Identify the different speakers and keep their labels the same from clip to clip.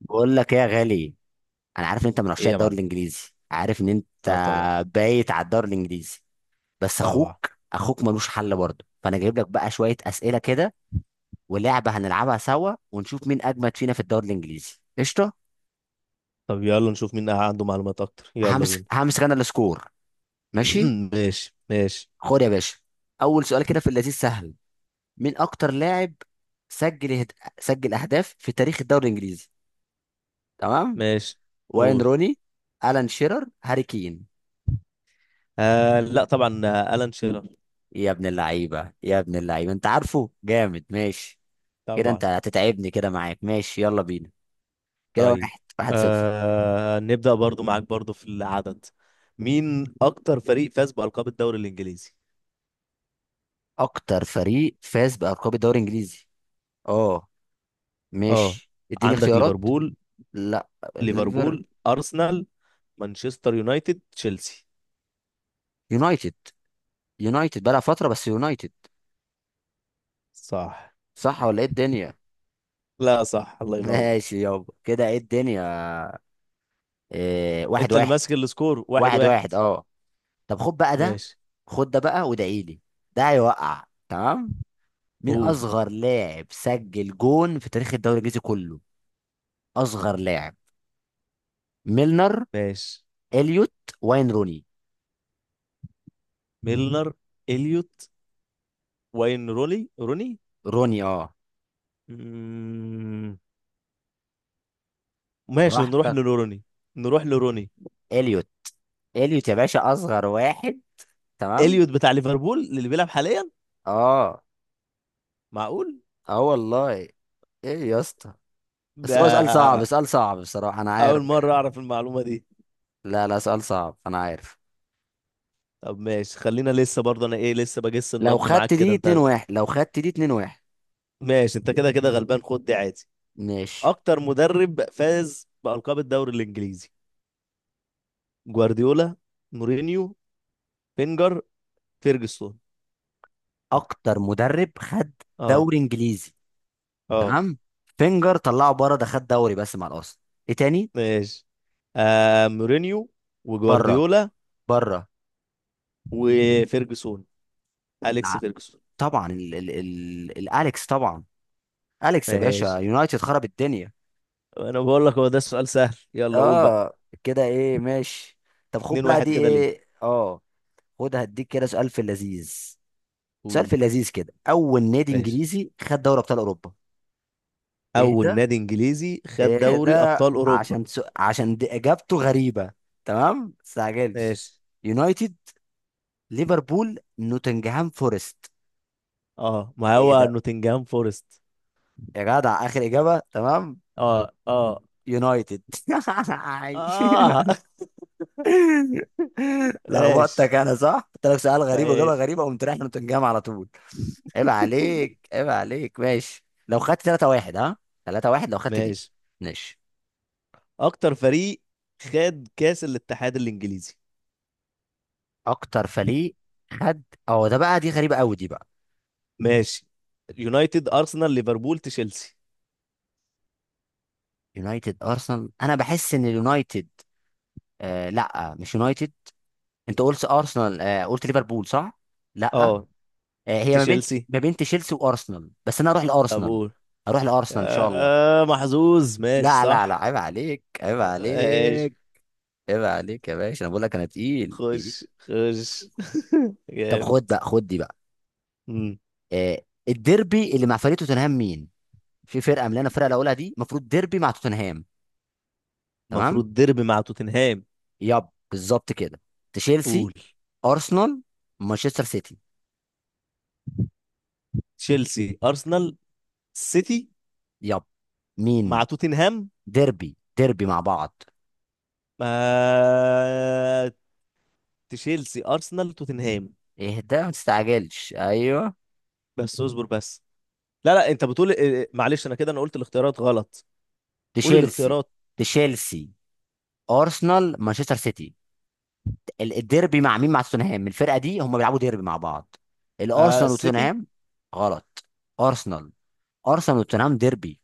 Speaker 1: بقول لك ايه يا غالي. انا عارف ان انت من
Speaker 2: ايه
Speaker 1: عشاق
Speaker 2: يا
Speaker 1: الدوري
Speaker 2: معلم.
Speaker 1: الانجليزي، عارف ان انت
Speaker 2: اه طبعا.
Speaker 1: بايت على الدوري الانجليزي. بس
Speaker 2: طبعا.
Speaker 1: اخوك ملوش حل برضه، فانا جايب لك بقى شويه اسئله كده ولعبه هنلعبها سوا ونشوف مين اجمد فينا في الدوري الانجليزي. قشطه.
Speaker 2: طب يلا نشوف مين عنده معلومات اكتر، يلا
Speaker 1: همسك
Speaker 2: بينا.
Speaker 1: همسك انا السكور. ماشي،
Speaker 2: ماشي ماشي
Speaker 1: خد يا باشا. اول سؤال كده في اللذيذ سهل. مين اكتر لاعب سجل هد... سجل اهداف في تاريخ الدوري الانجليزي؟ تمام.
Speaker 2: ماشي.
Speaker 1: واين
Speaker 2: قول.
Speaker 1: روني، الان شيرر، هاري كين.
Speaker 2: لا طبعا، ألان شيرر.
Speaker 1: يا ابن اللعيبة، يا ابن اللعيبة، انت عارفه جامد. ماشي كده، انت
Speaker 2: طبعا.
Speaker 1: هتتعبني كده معاك. ماشي يلا بينا، كده
Speaker 2: طيب
Speaker 1: واحد واحد صفر.
Speaker 2: آه نبدأ برضو معاك برضو في العدد. مين اكتر فريق فاز بألقاب الدوري الانجليزي؟
Speaker 1: اكتر فريق فاز بألقاب الدوري الانجليزي؟ اه
Speaker 2: اه
Speaker 1: ماشي، اديني
Speaker 2: عندك
Speaker 1: اختيارات.
Speaker 2: ليفربول،
Speaker 1: لا، ليفر
Speaker 2: ليفربول ارسنال مانشستر يونايتد تشيلسي.
Speaker 1: يونايتد. يونايتد بقى فترة، بس يونايتد.
Speaker 2: صح.
Speaker 1: صح ولا ايه الدنيا؟
Speaker 2: لا صح، الله ينور.
Speaker 1: ماشي يابا، كده ايه الدنيا؟ إيه، واحد
Speaker 2: انت اللي
Speaker 1: واحد.
Speaker 2: ماسك السكور. واحد
Speaker 1: واحد
Speaker 2: واحد.
Speaker 1: واحد اه. طب خد بقى ده،
Speaker 2: ماشي.
Speaker 1: خد ده بقى وادعيلي، ده هيوقع تمام. مين
Speaker 2: قول.
Speaker 1: اصغر لاعب سجل جون في تاريخ الدوري الانجليزي كله؟ اصغر لاعب. ميلنر،
Speaker 2: ماشي.
Speaker 1: اليوت، واين روني.
Speaker 2: ميلنر، اليوت، واين روني.
Speaker 1: روني اه.
Speaker 2: مم، ماشي نروح
Speaker 1: براحتك.
Speaker 2: لروني، نروح لروني.
Speaker 1: اليوت، اليوت يا باشا اصغر واحد. تمام.
Speaker 2: اليوت بتاع ليفربول اللي بيلعب حاليا؟
Speaker 1: اه.
Speaker 2: معقول.
Speaker 1: اه والله. ايه يا اسطى؟ بس
Speaker 2: ده
Speaker 1: هو سؤال صعب، سؤال صعب بصراحة، انا
Speaker 2: اول
Speaker 1: عارف
Speaker 2: مره
Speaker 1: يعني.
Speaker 2: اعرف المعلومه دي.
Speaker 1: لا لا، سؤال صعب انا عارف.
Speaker 2: طب ماشي، خلينا لسه برضه انا ايه لسه بجس
Speaker 1: لو
Speaker 2: النبض
Speaker 1: خدت
Speaker 2: معاك كده
Speaker 1: دي 2
Speaker 2: انت.
Speaker 1: 1، لو خدت دي 2 1.
Speaker 2: ماشي، انت كده كده غلبان خد دي عادي.
Speaker 1: ماشي.
Speaker 2: اكتر مدرب فاز بألقاب الدوري الانجليزي؟ جوارديولا، مورينيو، بينجر، فيرجسون.
Speaker 1: اكتر مدرب خد
Speaker 2: اه.
Speaker 1: دوري انجليزي؟
Speaker 2: اه.
Speaker 1: تمام. فينجر طلعه بره، ده خد دوري بس مع الاصل. ايه تاني؟
Speaker 2: ماشي. آه مورينيو
Speaker 1: بره،
Speaker 2: وجوارديولا
Speaker 1: بره.
Speaker 2: وفيرجسون، أليكس
Speaker 1: ع-
Speaker 2: فيرجسون.
Speaker 1: طبعا ال ال ال الاليكس طبعا، اليكس يا باشا،
Speaker 2: ماشي.
Speaker 1: يونايتد خرب الدنيا.
Speaker 2: انا بقول لك هو ده السؤال سهل، يلا قول بقى.
Speaker 1: اه، كده ايه؟ ماشي، طب خد
Speaker 2: 2
Speaker 1: بقى دي
Speaker 2: 1 كده ليك.
Speaker 1: ايه، اه خد هديك كده سؤال في اللذيذ. سؤال
Speaker 2: قول.
Speaker 1: في اللذيذ كده: اول نادي
Speaker 2: ماشي.
Speaker 1: انجليزي خد دوري ابطال اوروبا؟ ايه
Speaker 2: اول
Speaker 1: ده،
Speaker 2: نادي انجليزي خد
Speaker 1: ايه
Speaker 2: دوري
Speaker 1: ده؟
Speaker 2: ابطال اوروبا.
Speaker 1: عشان دي اجابته غريبة. تمام، مستعجلش.
Speaker 2: ماشي.
Speaker 1: يونايتد، ليفربول، نوتنغهام فورست.
Speaker 2: اه ما
Speaker 1: ايه
Speaker 2: هو
Speaker 1: ده؟
Speaker 2: نوتنجهام فورست.
Speaker 1: يا جدع، اخر اجابة؟ تمام.
Speaker 2: اه. اه.
Speaker 1: يونايتد.
Speaker 2: اه. ماشي.
Speaker 1: لخبطتك انا، صح؟ قلت لك سؤال غريب واجابه
Speaker 2: ماشي.
Speaker 1: غريبه، وقمت رايح نوتنجهام على طول. عيب عليك، عيب عليك. ماشي، لو خدت 3 1 ها، 3 1 لو خدت دي.
Speaker 2: ماشي.
Speaker 1: ماشي.
Speaker 2: اكتر فريق خد كاس الاتحاد الانجليزي.
Speaker 1: اكتر فريق خد؟ اه ده بقى، دي غريبه قوي دي بقى.
Speaker 2: ماشي، يونايتد ارسنال ليفربول تشيلسي.
Speaker 1: يونايتد، ارسنال. انا بحس ان اليونايتد. آه لا، مش يونايتد. انت قلت ارسنال، آه قلت ليفربول، صح؟ لا.
Speaker 2: اه.
Speaker 1: آه، هي ما بين،
Speaker 2: تشيلسي.
Speaker 1: ما بين تشيلسي وارسنال، بس انا اروح لارسنال.
Speaker 2: ابول.
Speaker 1: اروح لارسنال ان شاء الله.
Speaker 2: محظوظ، ماشي
Speaker 1: لا لا لا،
Speaker 2: صح.
Speaker 1: عيب عليك، عيب
Speaker 2: ماشي.
Speaker 1: عليك. عيب عليك يا باشا، انا بقول لك انا تقيل، تقيل.
Speaker 2: خش خش.
Speaker 1: طب خد
Speaker 2: جامد.
Speaker 1: بقى، خد دي بقى.
Speaker 2: مم.
Speaker 1: آه، الديربي اللي مع فريق توتنهام مين؟ في فرقه من اللي انا الفرقه اللي هقولها دي المفروض ديربي مع توتنهام. تمام.
Speaker 2: المفروض ديربي مع توتنهام.
Speaker 1: يب، بالظبط كده. تشيلسي،
Speaker 2: قول.
Speaker 1: ارسنال، مانشستر سيتي.
Speaker 2: تشيلسي ارسنال سيتي،
Speaker 1: يب. مين؟
Speaker 2: مع توتنهام.
Speaker 1: ديربي، ديربي مع بعض.
Speaker 2: آه... تشيلسي ارسنال توتنهام.
Speaker 1: ايه ده، ما تستعجلش. ايوه.
Speaker 2: بس اصبر بس. لا لا، انت بتقول إيه، معلش انا كده انا قلت الاختيارات غلط. قول
Speaker 1: تشيلسي.
Speaker 2: الاختيارات.
Speaker 1: تشيلسي، ارسنال، مانشستر سيتي. الديربي مع مين؟ مع توتنهام الفرقه دي، هم بيلعبوا ديربي مع بعض.
Speaker 2: آه
Speaker 1: الارسنال
Speaker 2: السيتي.
Speaker 1: وتوتنهام. غلط. ارسنال. ارسنال وتوتنهام ديربي.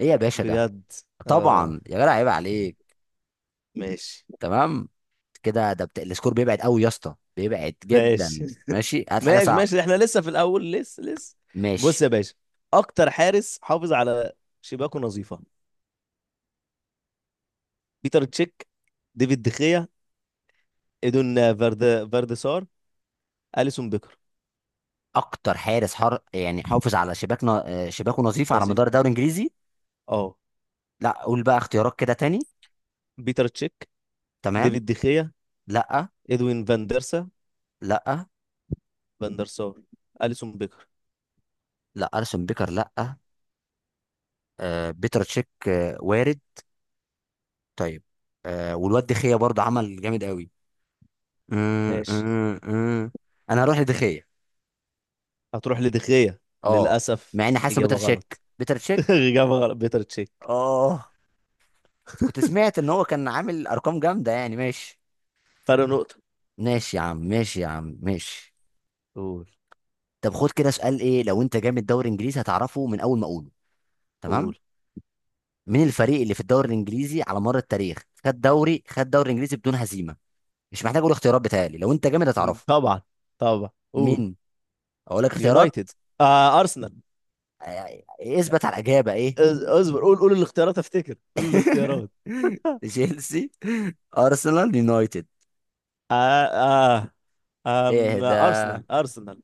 Speaker 1: ايه يا باشا ده؟
Speaker 2: بجد. اه.
Speaker 1: طبعا يا جدع، عيب عليك.
Speaker 2: ماشي.
Speaker 1: تمام كده. ده السكور بيبعد قوي يا اسطى، بيبعد
Speaker 2: ماشي.
Speaker 1: جدا. ماشي، هات حاجه
Speaker 2: ماشي.
Speaker 1: صعبه.
Speaker 2: ماشي احنا لسه في الاول، لسه لسه.
Speaker 1: ماشي.
Speaker 2: بص يا باشا، اكتر حارس حافظ على شباكه نظيفه؟ بيتر تشيك، ديفيد دخيا، ايدون فارد فاردسار، اليسون بيكر.
Speaker 1: اكتر حارس حر يعني حافظ على شباكنا، آه، شباكه نظيف على مدار
Speaker 2: نظيفه.
Speaker 1: الدوري الانجليزي.
Speaker 2: اه.
Speaker 1: لا قول بقى اختيارات كده تاني.
Speaker 2: بيتر تشيك،
Speaker 1: تمام.
Speaker 2: ديفيد دخيا،
Speaker 1: لا.
Speaker 2: ادوين فان ديرسا،
Speaker 1: لا.
Speaker 2: فان ديرسار، اليسون بيكر.
Speaker 1: لا اليسون بيكر لا. آه، بيتر تشيك، آه، وارد. طيب، آه والواد دخية برضه عمل جامد قوي. مم،
Speaker 2: ماشي.
Speaker 1: مم، مم. انا هروح لدخية.
Speaker 2: هتروح لدخيا.
Speaker 1: اه.
Speaker 2: للاسف.
Speaker 1: مع اني حاسس إن بيتر
Speaker 2: اجابه
Speaker 1: تشيك،
Speaker 2: غلط.
Speaker 1: بيتر تشيك.
Speaker 2: اجابه غلط بيتر تشيك.
Speaker 1: اه، كنت سمعت ان هو كان عامل ارقام جامدة يعني. ماشي.
Speaker 2: فرق نقطه.
Speaker 1: ماشي يا عم، ماشي يا عم، ماشي.
Speaker 2: قول.
Speaker 1: طب خد كده سؤال، ايه لو انت جامد دوري انجليزي هتعرفه من اول ما اقوله. تمام.
Speaker 2: قول.
Speaker 1: مين الفريق اللي في الدوري الانجليزي على مر التاريخ خد دوري، خد دوري انجليزي بدون هزيمة؟ مش محتاج اقول اختيارات بتاعي، لو انت جامد هتعرفه.
Speaker 2: طبعا. طبعا قول.
Speaker 1: مين؟ اقول لك اختيارات.
Speaker 2: يونايتد، آه ارسنال.
Speaker 1: آه. إيه، اثبت على الاجابة ايه.
Speaker 2: اصبر، قول قول الاختيارات، افتكر، قول الاختيارات.
Speaker 1: تشيلسي، ارسنال، يونايتد.
Speaker 2: آه آه.
Speaker 1: ايه ده؟
Speaker 2: ارسنال ارسنال.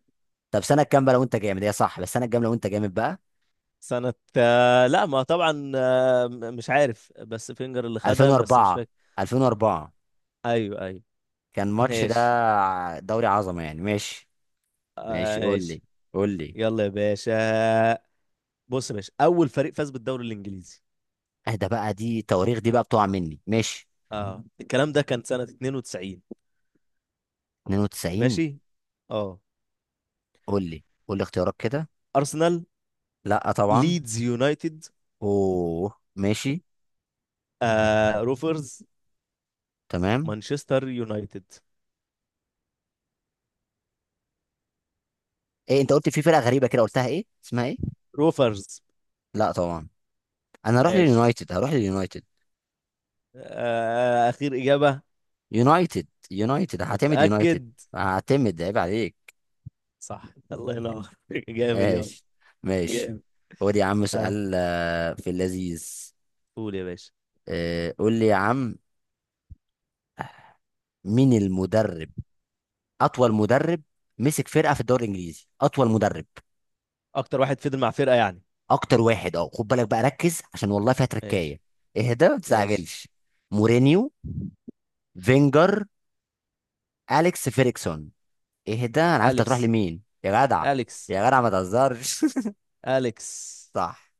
Speaker 1: طب سنه كام بقى، لو انت جامد هي صح، بس سنه كام لو انت جامد بقى.
Speaker 2: سنة آه لا ما طبعا آه مش عارف، بس فينجر اللي خدها بس مش
Speaker 1: 2004.
Speaker 2: فاكر.
Speaker 1: 2004
Speaker 2: ايوه ايوه.
Speaker 1: كان ماتش ده،
Speaker 2: ماشي
Speaker 1: دوري عظمه يعني. ماشي،
Speaker 2: آه،
Speaker 1: ماشي. قول
Speaker 2: ماشي.
Speaker 1: لي، قول لي.
Speaker 2: يلا يا باشا، بص يا باشا، اول فريق فاز بالدوري الانجليزي.
Speaker 1: ايه ده بقى، دي تواريخ دي بقى بتقع مني. ماشي.
Speaker 2: اه الكلام ده كان سنة 92.
Speaker 1: 92.
Speaker 2: ماشي. اه.
Speaker 1: قول لي، قول لي اختيارات كده.
Speaker 2: ارسنال،
Speaker 1: لا طبعا.
Speaker 2: ليدز يونايتد،
Speaker 1: اوه ماشي.
Speaker 2: آه روفرز،
Speaker 1: تمام.
Speaker 2: مانشستر يونايتد.
Speaker 1: ايه، انت قلت في فرقه غريبه كده، قلتها ايه اسمها ايه؟
Speaker 2: روفرز.
Speaker 1: لا طبعا. انا هروح
Speaker 2: ماشي
Speaker 1: لليونايتد، هروح لليونايتد.
Speaker 2: آه، اخير اجابه.
Speaker 1: يونايتد، يونايتد هعتمد يونايتد.
Speaker 2: متاكد؟
Speaker 1: هعتمد، عيب عليك.
Speaker 2: صح. الله ينور. جامد يا.
Speaker 1: ماشي، ماشي.
Speaker 2: جامد.
Speaker 1: خد يا عم
Speaker 2: ها.
Speaker 1: سؤال آه، في اللذيذ.
Speaker 2: قول يا باشا.
Speaker 1: آه، قول لي يا عم. مين المدرب، اطول مدرب مسك فرقه في الدوري الانجليزي؟ اطول مدرب،
Speaker 2: اكتر واحد فضل مع فرقه يعني.
Speaker 1: اكتر واحد. اه خد بالك بقى، ركز عشان والله فيها
Speaker 2: ماشي.
Speaker 1: تركايه. اهدى، ما
Speaker 2: ماشي.
Speaker 1: تستعجلش. مورينيو، فينجر، اليكس فيريكسون. اهدى، انا عارف أنت هتروح
Speaker 2: اليكس،
Speaker 1: لمين يا جدع.
Speaker 2: اليكس،
Speaker 1: يا جدع ما تهزرش.
Speaker 2: اليكس.
Speaker 1: صح.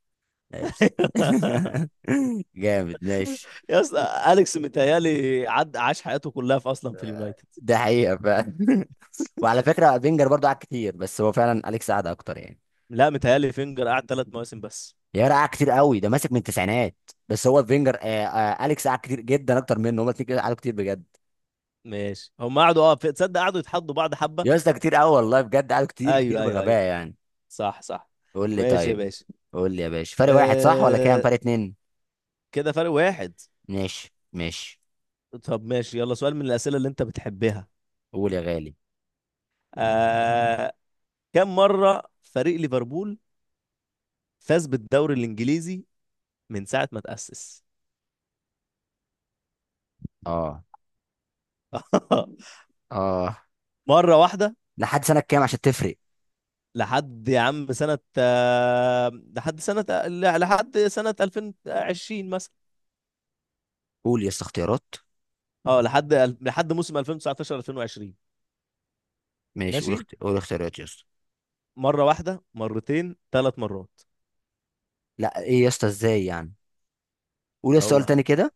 Speaker 1: ماشي، جامد، ماشي.
Speaker 2: يا اسطى اليكس متهيالي عد عاش حياته كلها في اصلا في اليونايتد.
Speaker 1: ده حقيقة فعلا. وعلى فكرة بنجر برضو قعد كتير، بس هو فعلا أليكس قعد أكتر يعني.
Speaker 2: لا متهيالي فينجر قعد 3 مواسم بس.
Speaker 1: يارا، قعد كتير قوي، ده ماسك من التسعينات. بس هو فينجر، آه آه أليكس قعد كتير جدا أكتر منه. هما الاتنين كده قعدوا كتير بجد.
Speaker 2: ماشي هم قعدوا، اه، تصدق قعدوا يتحدوا بعض حبه.
Speaker 1: يا اسطى كتير قوي والله بجد، قعدوا كتير كتير
Speaker 2: ايوه ايوه ايوه.
Speaker 1: بغباء يعني.
Speaker 2: صح صح.
Speaker 1: قول لي
Speaker 2: ماشي يا
Speaker 1: طيب.
Speaker 2: باشا.
Speaker 1: قول لي يا باشا، فرق واحد صح ولا كام
Speaker 2: أه...
Speaker 1: فرق؟ اتنين؟
Speaker 2: كده فرق واحد.
Speaker 1: ماشي، ماشي.
Speaker 2: طب ماشي يلا سؤال من الأسئلة اللي أنت بتحبها.
Speaker 1: قول يا غالي.
Speaker 2: آه... كم مرة فريق ليفربول فاز بالدوري الإنجليزي من ساعة ما تأسس؟
Speaker 1: اه. اه.
Speaker 2: مرة واحدة.
Speaker 1: لحد سنة كام عشان تفرق؟
Speaker 2: لحد يا عم سنة، لحد سنة، لحد سنة 2020 مثلا.
Speaker 1: قول يا اسطى اختيارات.
Speaker 2: اه لحد، لحد موسم 2019 2020.
Speaker 1: ماشي، قول
Speaker 2: ماشي.
Speaker 1: قول اختيارات يا اسطى.
Speaker 2: مرة واحدة، مرتين، ثلاث مرات.
Speaker 1: لا ايه يا اسطى، ازاي يعني. قول يا اسطى سؤال
Speaker 2: هو
Speaker 1: تاني كده.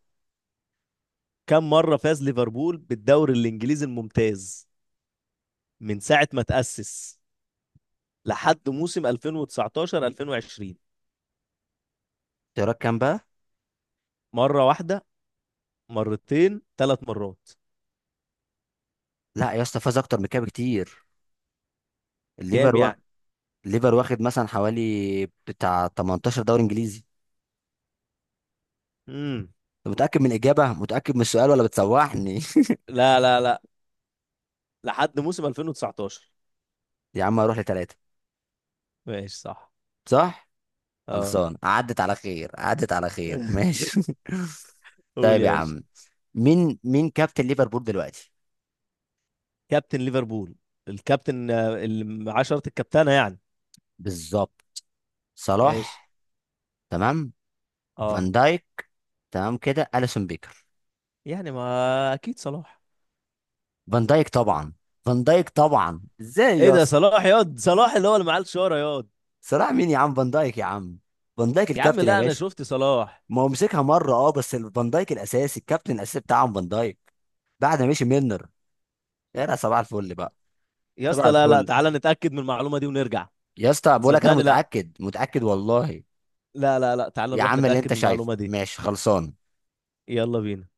Speaker 2: كم مرة فاز ليفربول بالدوري الإنجليزي الممتاز من ساعة ما تأسس لحد موسم 2019 2020؟
Speaker 1: اختيارات كام بقى؟
Speaker 2: مرة واحدة، مرتين، ثلاث مرات.
Speaker 1: لا يا اسطى، فاز اكتر من كده بكتير. الليفر
Speaker 2: كام
Speaker 1: و...
Speaker 2: يعني.
Speaker 1: الليفر واخد مثلا حوالي بتاع 18 دوري انجليزي.
Speaker 2: امم
Speaker 1: انت متاكد من الاجابه، متاكد من السؤال، ولا بتسوحني؟
Speaker 2: لا لا لا، لحد موسم 2019.
Speaker 1: يا عم هروح لثلاثه.
Speaker 2: ماشي. صح.
Speaker 1: صح.
Speaker 2: اه.
Speaker 1: خلصان، عدت على خير، عدت على خير، ماشي.
Speaker 2: قول
Speaker 1: طيب
Speaker 2: يا
Speaker 1: يا
Speaker 2: باشا.
Speaker 1: عم. مين كابتن ليفربول دلوقتي؟
Speaker 2: كابتن ليفربول؟ الكابتن، اللي 10 الكابتنة يعني.
Speaker 1: بالظبط.
Speaker 2: ماشي.
Speaker 1: صلاح. تمام.
Speaker 2: اه
Speaker 1: فان دايك. تمام كده، اليسون بيكر.
Speaker 2: يعني ما اكيد صلاح.
Speaker 1: فان دايك طبعا. فان دايك طبعا، ازاي
Speaker 2: ايه
Speaker 1: يا
Speaker 2: ده،
Speaker 1: اسطى؟
Speaker 2: صلاح ياض، صلاح اللي هو اللي معاه الشارة ياض.
Speaker 1: صلاح مين يا عم، فان دايك يا عم، فان دايك
Speaker 2: يا عم
Speaker 1: الكابتن يا
Speaker 2: لا انا
Speaker 1: باشا.
Speaker 2: شفت صلاح.
Speaker 1: ما هو مسكها مره، اه بس فان دايك الاساسي، الكابتن الاساسي بتاعهم فان دايك، بعد ما مشي ميلنر. يا صباح الفل بقى.
Speaker 2: يا
Speaker 1: صباح
Speaker 2: اسطى لا لا،
Speaker 1: الفل.
Speaker 2: تعالى نتأكد من المعلومة دي ونرجع.
Speaker 1: يا اسطى بقول لك انا
Speaker 2: صدقني لا.
Speaker 1: متاكد، متاكد والله.
Speaker 2: لا لا لا، تعالى
Speaker 1: يا
Speaker 2: نروح
Speaker 1: عم اللي
Speaker 2: نتأكد
Speaker 1: انت
Speaker 2: من
Speaker 1: شايفه،
Speaker 2: المعلومة دي.
Speaker 1: ماشي خلصان.
Speaker 2: يلا بينا.